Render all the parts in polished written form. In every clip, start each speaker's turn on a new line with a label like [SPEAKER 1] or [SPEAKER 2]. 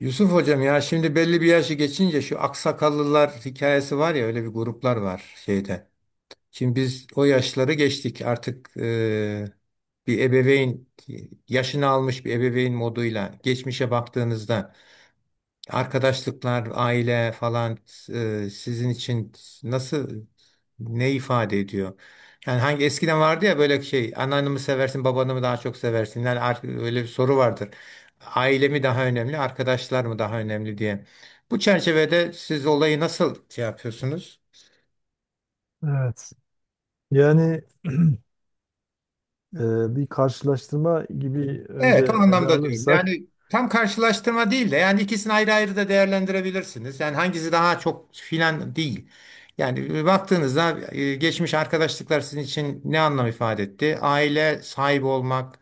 [SPEAKER 1] Yusuf hocam, ya şimdi belli bir yaşı geçince şu aksakallılar hikayesi var ya, öyle bir gruplar var şeyde. Şimdi biz o yaşları geçtik artık. Bir ebeveyn yaşını almış bir ebeveyn moduyla geçmişe baktığınızda arkadaşlıklar, aile falan, sizin için nasıl, ne ifade ediyor? Yani hangi eskiden vardı ya böyle şey, anneannemi mi seversin, babanı mı daha çok seversin? Yani öyle bir soru vardır. Aile mi daha önemli, arkadaşlar mı daha önemli diye. Bu çerçevede siz olayı nasıl şey yapıyorsunuz?
[SPEAKER 2] Evet. Yani bir karşılaştırma gibi
[SPEAKER 1] Evet, o
[SPEAKER 2] önce ele
[SPEAKER 1] anlamda diyorum.
[SPEAKER 2] alırsak,
[SPEAKER 1] Yani tam karşılaştırma değil de yani ikisini ayrı ayrı da değerlendirebilirsiniz. Yani hangisi daha çok filan değil. Yani baktığınızda geçmiş arkadaşlıklar sizin için ne anlam ifade etti? Aile sahibi olmak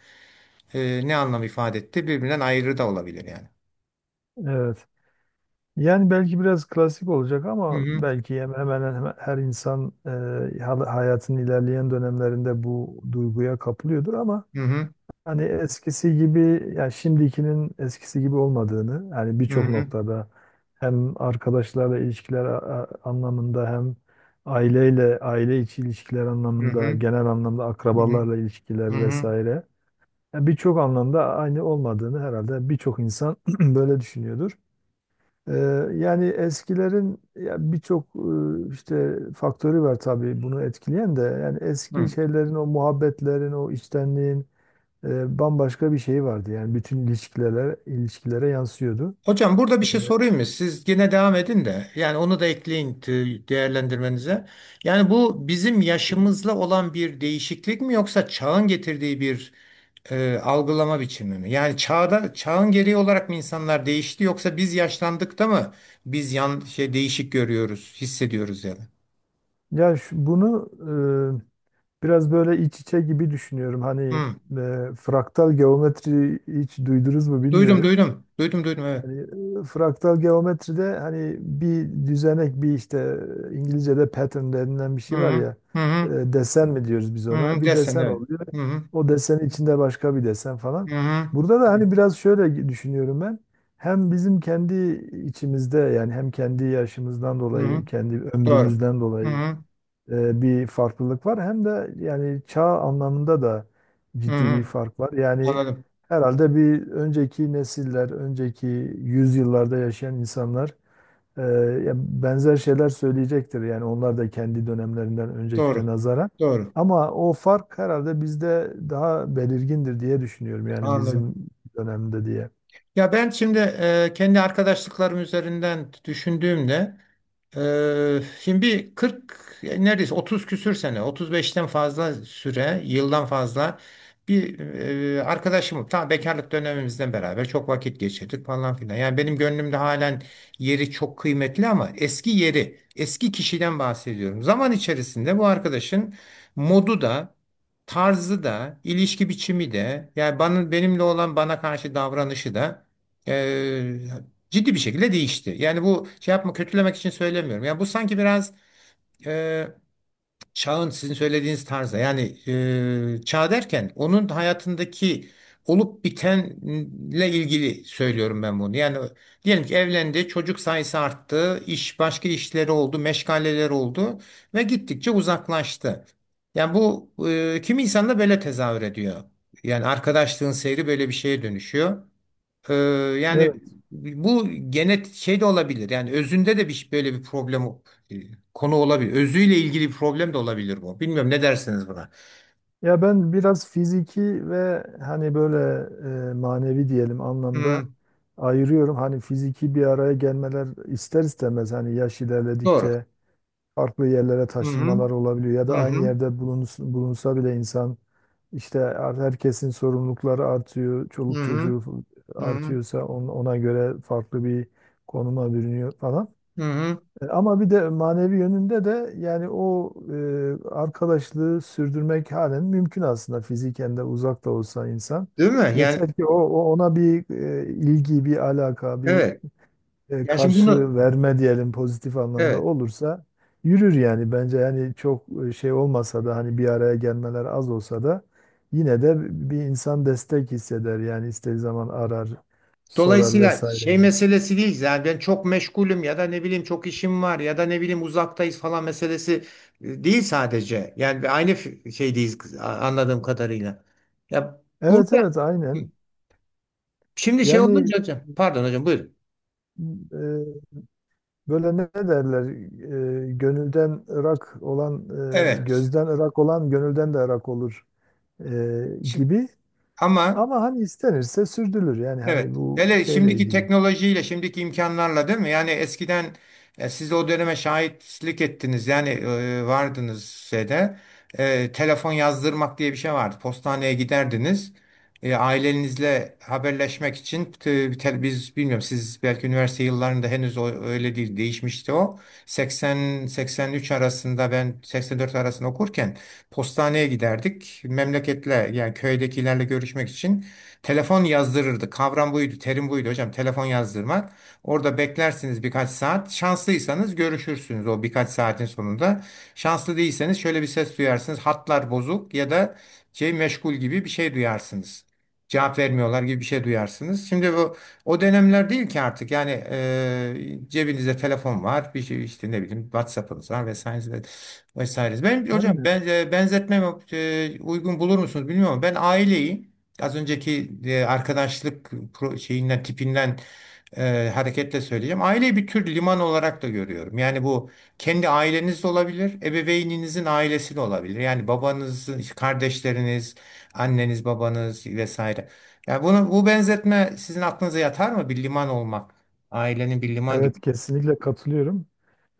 [SPEAKER 1] ne anlam ifade etti? Birbirinden ayrı da olabilir yani.
[SPEAKER 2] evet. Yani belki biraz klasik olacak
[SPEAKER 1] Hı
[SPEAKER 2] ama
[SPEAKER 1] hı.
[SPEAKER 2] belki hemen hemen her insan hayatın ilerleyen dönemlerinde bu duyguya kapılıyordur ama
[SPEAKER 1] Hı hı.
[SPEAKER 2] hani eskisi gibi yani şimdikinin eskisi gibi olmadığını yani birçok
[SPEAKER 1] Hı
[SPEAKER 2] noktada hem arkadaşlarla ilişkiler anlamında hem aileyle aile içi ilişkiler anlamında
[SPEAKER 1] hı.
[SPEAKER 2] genel anlamda
[SPEAKER 1] Hı
[SPEAKER 2] akrabalarla
[SPEAKER 1] hı.
[SPEAKER 2] ilişkiler
[SPEAKER 1] Hı
[SPEAKER 2] vesaire yani birçok anlamda aynı olmadığını herhalde birçok insan böyle düşünüyordur. Ee, Yani eskilerin ya birçok işte faktörü var tabii bunu etkileyen de yani eski
[SPEAKER 1] hı.
[SPEAKER 2] şeylerin o muhabbetlerin o içtenliğin bambaşka bir şey vardı. Yani bütün ilişkilere yansıyordu.
[SPEAKER 1] Hocam, burada bir şey sorayım mı? Siz yine devam edin de yani onu da ekleyin, değerlendirmenize. Yani bu bizim yaşımızla olan bir değişiklik mi, yoksa çağın getirdiği bir algılama biçimi mi? Yani çağın gereği olarak mı insanlar değişti, yoksa biz yaşlandık da mı biz şey değişik görüyoruz, hissediyoruz yani?
[SPEAKER 2] Ya, bunu biraz böyle iç içe gibi düşünüyorum. Hani
[SPEAKER 1] Hı.
[SPEAKER 2] fraktal geometri hiç duydunuz mu
[SPEAKER 1] Duydum,
[SPEAKER 2] bilmiyorum.
[SPEAKER 1] duydum. Duydum, duydum, evet.
[SPEAKER 2] Hani fraktal geometride hani bir düzenek bir işte İngilizce'de pattern denilen bir
[SPEAKER 1] Hı
[SPEAKER 2] şey var
[SPEAKER 1] hı.
[SPEAKER 2] ya,
[SPEAKER 1] Hı
[SPEAKER 2] e,
[SPEAKER 1] hı.
[SPEAKER 2] desen mi diyoruz biz
[SPEAKER 1] Hı
[SPEAKER 2] ona,
[SPEAKER 1] hı.
[SPEAKER 2] bir
[SPEAKER 1] Desen,
[SPEAKER 2] desen
[SPEAKER 1] evet.
[SPEAKER 2] oluyor.
[SPEAKER 1] Hı hı.
[SPEAKER 2] O desenin içinde başka bir desen falan.
[SPEAKER 1] Hı hı.
[SPEAKER 2] Burada da hani biraz şöyle düşünüyorum ben. Hem bizim kendi içimizde yani hem kendi yaşımızdan
[SPEAKER 1] Hı hı.
[SPEAKER 2] dolayı, kendi
[SPEAKER 1] Doğru.
[SPEAKER 2] ömrümüzden
[SPEAKER 1] Hı
[SPEAKER 2] dolayı
[SPEAKER 1] hı.
[SPEAKER 2] bir farklılık var. Hem de yani çağ anlamında da
[SPEAKER 1] Hı
[SPEAKER 2] ciddi bir
[SPEAKER 1] hı.
[SPEAKER 2] fark var. Yani
[SPEAKER 1] Anladım.
[SPEAKER 2] herhalde bir önceki nesiller, önceki yüzyıllarda yaşayan insanlar e, ya benzer şeyler söyleyecektir. Yani onlar da kendi dönemlerinden öncekine
[SPEAKER 1] Doğru.
[SPEAKER 2] nazaran.
[SPEAKER 1] Doğru.
[SPEAKER 2] Ama o fark herhalde bizde daha belirgindir diye düşünüyorum. Yani
[SPEAKER 1] Anladım.
[SPEAKER 2] bizim dönemde diye.
[SPEAKER 1] Ya ben şimdi, kendi arkadaşlıklarım üzerinden düşündüğümde, şimdi bir 40, yani neredeyse 30 küsür sene, 35'ten fazla süre, yıldan fazla bir arkadaşım, tam bekarlık dönemimizden beraber çok vakit geçirdik falan filan. Yani benim gönlümde halen yeri çok kıymetli, ama eski kişiden bahsediyorum. Zaman içerisinde bu arkadaşın modu da, tarzı da, ilişki biçimi de yani benimle olan, bana karşı davranışı da e, ciddi bir şekilde değişti. Yani bu şey yapma, kötülemek için söylemiyorum. Yani bu sanki biraz e, çağın, sizin söylediğiniz tarzda. Yani çağ derken onun hayatındaki olup bitenle ilgili söylüyorum ben bunu. Yani diyelim ki evlendi, çocuk sayısı arttı, başka işleri oldu, meşgaleleri oldu ve gittikçe uzaklaştı. Yani bu kimi insan da böyle tezahür ediyor. Yani arkadaşlığın seyri böyle bir şeye dönüşüyor. Ee, yani
[SPEAKER 2] Evet.
[SPEAKER 1] bu genet şey de olabilir. Yani özünde de bir böyle bir problem e, konu olabilir. Özüyle ilgili bir problem de olabilir bu. Bilmiyorum, ne dersiniz buna?
[SPEAKER 2] Ya ben biraz fiziki ve hani böyle manevi diyelim anlamda
[SPEAKER 1] Hmm,
[SPEAKER 2] ayırıyorum. Hani fiziki bir araya gelmeler ister istemez hani yaş
[SPEAKER 1] doğru.
[SPEAKER 2] ilerledikçe farklı yerlere
[SPEAKER 1] Hı hı.
[SPEAKER 2] taşınmalar olabiliyor ya
[SPEAKER 1] Hı
[SPEAKER 2] da aynı
[SPEAKER 1] hı.
[SPEAKER 2] yerde bulunsa bile insan işte herkesin sorumlulukları artıyor,
[SPEAKER 1] Hı
[SPEAKER 2] çoluk
[SPEAKER 1] hı.
[SPEAKER 2] çocuğu
[SPEAKER 1] Hı hı.
[SPEAKER 2] artıyorsa ona göre farklı bir konuma bürünüyor falan.
[SPEAKER 1] Hı hı.
[SPEAKER 2] Ama bir de manevi yönünde de yani o arkadaşlığı sürdürmek halen mümkün, aslında fiziken de uzak da olsa insan.
[SPEAKER 1] Değil mi? Yani,
[SPEAKER 2] Yeter ki ona bir ilgi, bir alaka, bir
[SPEAKER 1] evet. Yani şimdi bunu,
[SPEAKER 2] karşı verme diyelim, pozitif anlamda
[SPEAKER 1] evet.
[SPEAKER 2] olursa yürür yani, bence yani çok şey olmasa da, hani bir araya gelmeler az olsa da yine de bir insan destek hisseder yani, istediği zaman arar, sorar
[SPEAKER 1] Dolayısıyla
[SPEAKER 2] vesaire
[SPEAKER 1] şey
[SPEAKER 2] gibi.
[SPEAKER 1] meselesi değil, yani ben çok meşgulüm ya da ne bileyim çok işim var ya da ne bileyim uzaktayız falan meselesi değil sadece. Yani bir aynı şeydeyiz, anladığım kadarıyla. Ya
[SPEAKER 2] Evet
[SPEAKER 1] burada
[SPEAKER 2] evet aynen.
[SPEAKER 1] şimdi şey
[SPEAKER 2] Yani
[SPEAKER 1] olunca hocam, pardon hocam, buyurun.
[SPEAKER 2] e, böyle ne derler? Gönülden ırak olan,
[SPEAKER 1] Evet.
[SPEAKER 2] gözden ırak olan gönülden de ırak olur e,
[SPEAKER 1] Şimdi,
[SPEAKER 2] gibi.
[SPEAKER 1] ama.
[SPEAKER 2] Ama hani istenirse sürdürülür. Yani hani
[SPEAKER 1] Evet.
[SPEAKER 2] bu
[SPEAKER 1] Hele
[SPEAKER 2] şeyle
[SPEAKER 1] şimdiki
[SPEAKER 2] ilgili.
[SPEAKER 1] teknolojiyle, şimdiki imkanlarla, değil mi? Yani eskiden siz o döneme şahitlik ettiniz. Yani vardınız şeyde. Telefon yazdırmak diye bir şey vardı. Postaneye giderdiniz. Ailenizle haberleşmek için biz bilmiyorum, siz belki üniversite yıllarında henüz o, öyle değil, değişmişti o. 80 83 arasında, ben 84 arasında okurken postaneye giderdik. Memleketle, yani köydekilerle görüşmek için. Telefon yazdırırdı. Kavram buydu, terim buydu hocam. Telefon yazdırmak. Orada beklersiniz birkaç saat. Şanslıysanız görüşürsünüz o birkaç saatin sonunda. Şanslı değilseniz şöyle bir ses duyarsınız. Hatlar bozuk ya da şey meşgul gibi bir şey duyarsınız. Cevap vermiyorlar gibi bir şey duyarsınız. Şimdi bu o dönemler değil ki artık. Yani cebinizde telefon var, bir şey işte, ne bileyim, WhatsApp'ınız var vesaire vesaire. Ben hocam
[SPEAKER 2] Aynen.
[SPEAKER 1] ben benzetmeme uygun bulur musunuz bilmiyorum, ama ben aileyi, az önceki arkadaşlık şeyinden, tipinden hareketle söyleyeceğim. Aileyi bir tür liman olarak da görüyorum. Yani bu kendi aileniz de olabilir, ebeveyninizin ailesi de olabilir. Yani babanız, kardeşleriniz, anneniz, babanız vesaire. Yani bu benzetme sizin aklınıza yatar mı? Bir liman olmak, ailenin bir liman gibi.
[SPEAKER 2] Evet, kesinlikle katılıyorum.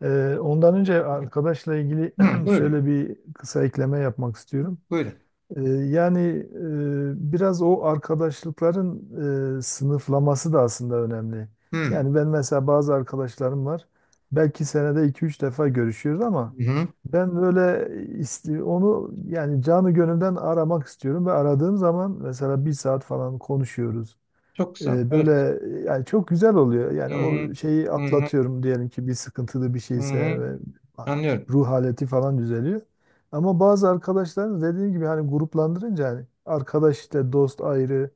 [SPEAKER 2] Ondan önce arkadaşla ilgili
[SPEAKER 1] Hı, buyurun,
[SPEAKER 2] şöyle bir kısa ekleme yapmak istiyorum.
[SPEAKER 1] buyurun.
[SPEAKER 2] Yani biraz o arkadaşlıkların sınıflaması da aslında önemli.
[SPEAKER 1] Hı,
[SPEAKER 2] Yani ben mesela bazı arkadaşlarım var. Belki senede 2-3 defa görüşüyoruz ama
[SPEAKER 1] hı, hı.
[SPEAKER 2] ben böyle onu yani canı gönülden aramak istiyorum ve aradığım zaman mesela 1 saat falan konuşuyoruz.
[SPEAKER 1] Çok güzel.
[SPEAKER 2] Böyle
[SPEAKER 1] Evet.
[SPEAKER 2] yani çok güzel oluyor.
[SPEAKER 1] Hı,
[SPEAKER 2] Yani
[SPEAKER 1] hı,
[SPEAKER 2] o şeyi
[SPEAKER 1] hı, hı,
[SPEAKER 2] atlatıyorum diyelim ki, bir sıkıntılı bir
[SPEAKER 1] hı.
[SPEAKER 2] şeyse
[SPEAKER 1] Hı.
[SPEAKER 2] ve
[SPEAKER 1] Anlıyorum.
[SPEAKER 2] ruh haleti falan düzeliyor. Ama bazı arkadaşlar dediğim gibi hani gruplandırınca hani arkadaş işte, dost ayrı,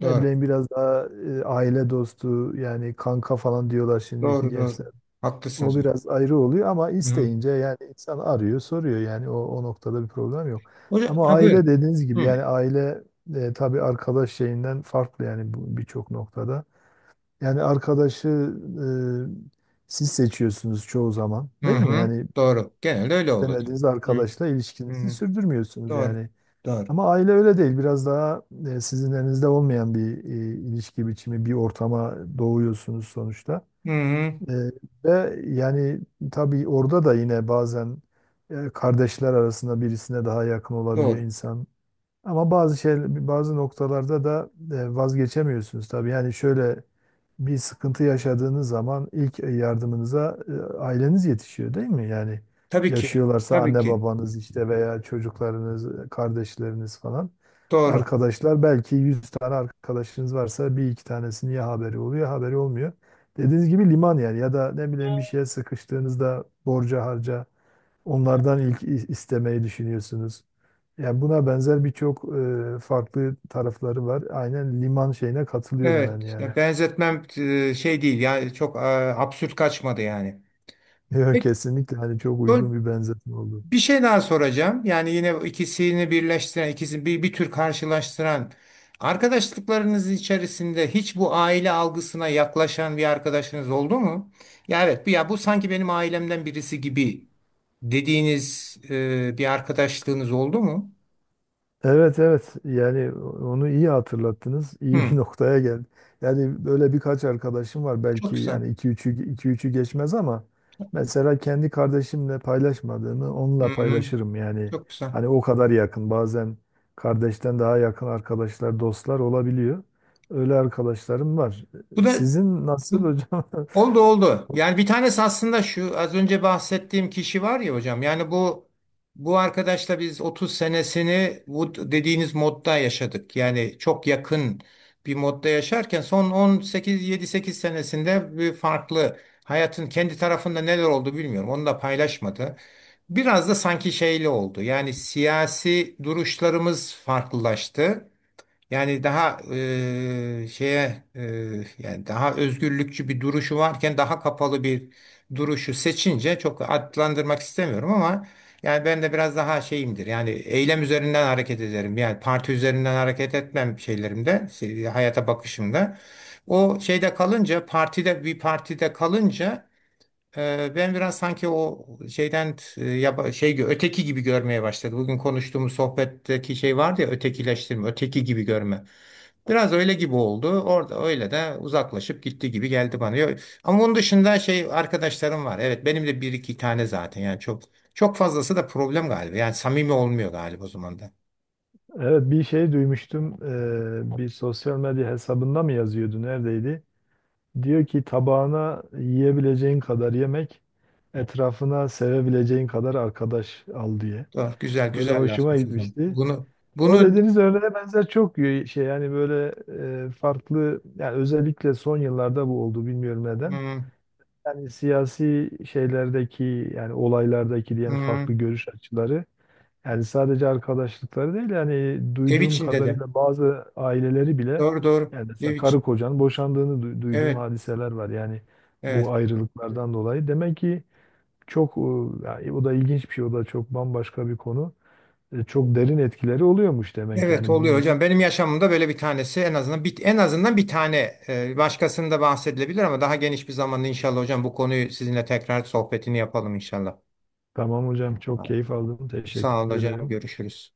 [SPEAKER 2] ne
[SPEAKER 1] Doğru,
[SPEAKER 2] bileyim biraz daha aile dostu yani, kanka falan diyorlar şimdiki
[SPEAKER 1] doğru, doğru.
[SPEAKER 2] gençler. O
[SPEAKER 1] Haklısınız.
[SPEAKER 2] biraz ayrı oluyor ama
[SPEAKER 1] Hı hı.
[SPEAKER 2] isteyince yani insan arıyor, soruyor yani o noktada bir problem yok.
[SPEAKER 1] Hocam,
[SPEAKER 2] Ama
[SPEAKER 1] ha,
[SPEAKER 2] aile
[SPEAKER 1] buyurun.
[SPEAKER 2] dediğiniz gibi
[SPEAKER 1] Hı
[SPEAKER 2] yani aile tabii arkadaş şeyinden farklı yani, birçok noktada. Yani arkadaşı siz seçiyorsunuz çoğu zaman
[SPEAKER 1] hı.
[SPEAKER 2] değil mi?
[SPEAKER 1] Hı.
[SPEAKER 2] Yani
[SPEAKER 1] Doğru. Genelde öyle oluyor.
[SPEAKER 2] istemediğiniz
[SPEAKER 1] Hı
[SPEAKER 2] arkadaşla ilişkinizi
[SPEAKER 1] hı.
[SPEAKER 2] sürdürmüyorsunuz
[SPEAKER 1] Doğru.
[SPEAKER 2] yani.
[SPEAKER 1] Doğru.
[SPEAKER 2] Ama aile öyle değil. Biraz daha sizin elinizde olmayan bir ilişki biçimi, bir ortama doğuyorsunuz sonuçta.
[SPEAKER 1] Hı hı.
[SPEAKER 2] Ee, ve yani tabii orada da yine bazen kardeşler arasında birisine daha yakın olabiliyor
[SPEAKER 1] Doğru.
[SPEAKER 2] insan. Ama bazı noktalarda da vazgeçemiyorsunuz tabii. Yani şöyle bir sıkıntı yaşadığınız zaman ilk yardımınıza aileniz yetişiyor değil mi? Yani
[SPEAKER 1] Tabii ki.
[SPEAKER 2] yaşıyorlarsa
[SPEAKER 1] Tabii
[SPEAKER 2] anne
[SPEAKER 1] ki.
[SPEAKER 2] babanız işte, veya çocuklarınız, kardeşleriniz falan.
[SPEAKER 1] Doğru.
[SPEAKER 2] Arkadaşlar belki 100 tane arkadaşınız varsa 1-2 tanesinin ya haberi oluyor ya haberi olmuyor. Dediğiniz gibi liman yani, ya da ne bileyim, bir şeye sıkıştığınızda, borca harca onlardan ilk istemeyi düşünüyorsunuz. Yani buna benzer birçok farklı tarafları var. Aynen liman şeyine katılıyorum ben
[SPEAKER 1] Evet.
[SPEAKER 2] yani.
[SPEAKER 1] Ya benzetmem şey değil. Yani çok absürt kaçmadı yani.
[SPEAKER 2] Yok,
[SPEAKER 1] Peki,
[SPEAKER 2] kesinlikle hani çok uygun bir benzetme oldu.
[SPEAKER 1] bir şey daha soracağım. Yani yine ikisini birleştiren, ikisini bir tür karşılaştıran arkadaşlıklarınız içerisinde hiç bu aile algısına yaklaşan bir arkadaşınız oldu mu? Ya evet, ya bu sanki benim ailemden birisi gibi dediğiniz bir arkadaşlığınız oldu mu?
[SPEAKER 2] Evet, evet, yani onu iyi hatırlattınız. İyi bir
[SPEAKER 1] Hı,
[SPEAKER 2] noktaya geldi. Yani böyle birkaç arkadaşım var
[SPEAKER 1] çok
[SPEAKER 2] belki,
[SPEAKER 1] güzel.
[SPEAKER 2] yani 2-3'ü geçmez ama mesela kendi kardeşimle paylaşmadığımı
[SPEAKER 1] Hı
[SPEAKER 2] onunla
[SPEAKER 1] hı,
[SPEAKER 2] paylaşırım yani.
[SPEAKER 1] çok güzel.
[SPEAKER 2] Hani o kadar yakın, bazen kardeşten daha yakın arkadaşlar, dostlar olabiliyor. Öyle arkadaşlarım var.
[SPEAKER 1] Bu da.
[SPEAKER 2] Sizin nasıl hocam?
[SPEAKER 1] Oldu, oldu. Yani bir tanesi aslında şu az önce bahsettiğim kişi var ya hocam. Yani bu arkadaşla biz 30 senesini bu dediğiniz modda yaşadık. Yani çok yakın bir modda yaşarken son 18 7-8 senesinde bir farklı hayatın kendi tarafında neler oldu bilmiyorum. Onu da paylaşmadı. Biraz da sanki şeyli oldu. Yani siyasi duruşlarımız farklılaştı. Yani daha şeye, yani daha özgürlükçü bir duruşu varken daha kapalı bir duruşu seçince çok adlandırmak istemiyorum, ama yani ben de biraz daha şeyimdir. Yani eylem üzerinden hareket ederim. Yani parti üzerinden hareket etmem şeylerimde, hayata bakışımda. O şeyde kalınca bir partide kalınca, ben biraz sanki o şeyden öteki gibi görmeye başladı. Bugün konuştuğumuz sohbetteki şey vardı ya, ötekileştirme, öteki gibi görme. Biraz öyle gibi oldu. Orada öyle de uzaklaşıp gitti gibi geldi bana. Ama onun dışında şey arkadaşlarım var. Evet, benim de bir iki tane zaten. Yani çok çok fazlası da problem galiba. Yani samimi olmuyor galiba o zaman da.
[SPEAKER 2] Evet, bir şey duymuştum. Bir sosyal medya hesabında mı yazıyordu? Neredeydi? Diyor ki, tabağına yiyebileceğin kadar yemek, etrafına sevebileceğin kadar arkadaş al diye.
[SPEAKER 1] Doğru, güzel
[SPEAKER 2] Böyle
[SPEAKER 1] güzel laf
[SPEAKER 2] hoşuma
[SPEAKER 1] hocam.
[SPEAKER 2] gitmişti.
[SPEAKER 1] Bunu
[SPEAKER 2] O
[SPEAKER 1] bunu
[SPEAKER 2] dediğiniz örneğe benzer çok şey yani, böyle farklı yani, özellikle son yıllarda bu oldu bilmiyorum neden.
[SPEAKER 1] Hmm,
[SPEAKER 2] Yani siyasi şeylerdeki yani olaylardaki diyelim
[SPEAKER 1] hmm,
[SPEAKER 2] farklı görüş açıları yani sadece arkadaşlıkları değil yani,
[SPEAKER 1] ev
[SPEAKER 2] duyduğum
[SPEAKER 1] içinde de.
[SPEAKER 2] kadarıyla bazı aileleri bile,
[SPEAKER 1] Doğru, doğru.
[SPEAKER 2] yani
[SPEAKER 1] Ev
[SPEAKER 2] mesela karı
[SPEAKER 1] için.
[SPEAKER 2] kocanın boşandığını duyduğum
[SPEAKER 1] Evet.
[SPEAKER 2] hadiseler var. Yani bu
[SPEAKER 1] Evet.
[SPEAKER 2] ayrılıklardan dolayı. Demek ki çok yani o da ilginç bir şey, o da çok bambaşka bir konu. Çok derin etkileri oluyormuş demek
[SPEAKER 1] Evet,
[SPEAKER 2] yani
[SPEAKER 1] oluyor
[SPEAKER 2] bunun da.
[SPEAKER 1] hocam. Benim yaşamımda böyle bir tanesi en azından en azından bir tane, başkasında bahsedilebilir, ama daha geniş bir zamanda inşallah hocam bu konuyu sizinle tekrar sohbetini yapalım inşallah.
[SPEAKER 2] Tamam hocam, çok keyif aldım.
[SPEAKER 1] Sağ olun
[SPEAKER 2] Teşekkür
[SPEAKER 1] hocam.
[SPEAKER 2] ederim.
[SPEAKER 1] Görüşürüz.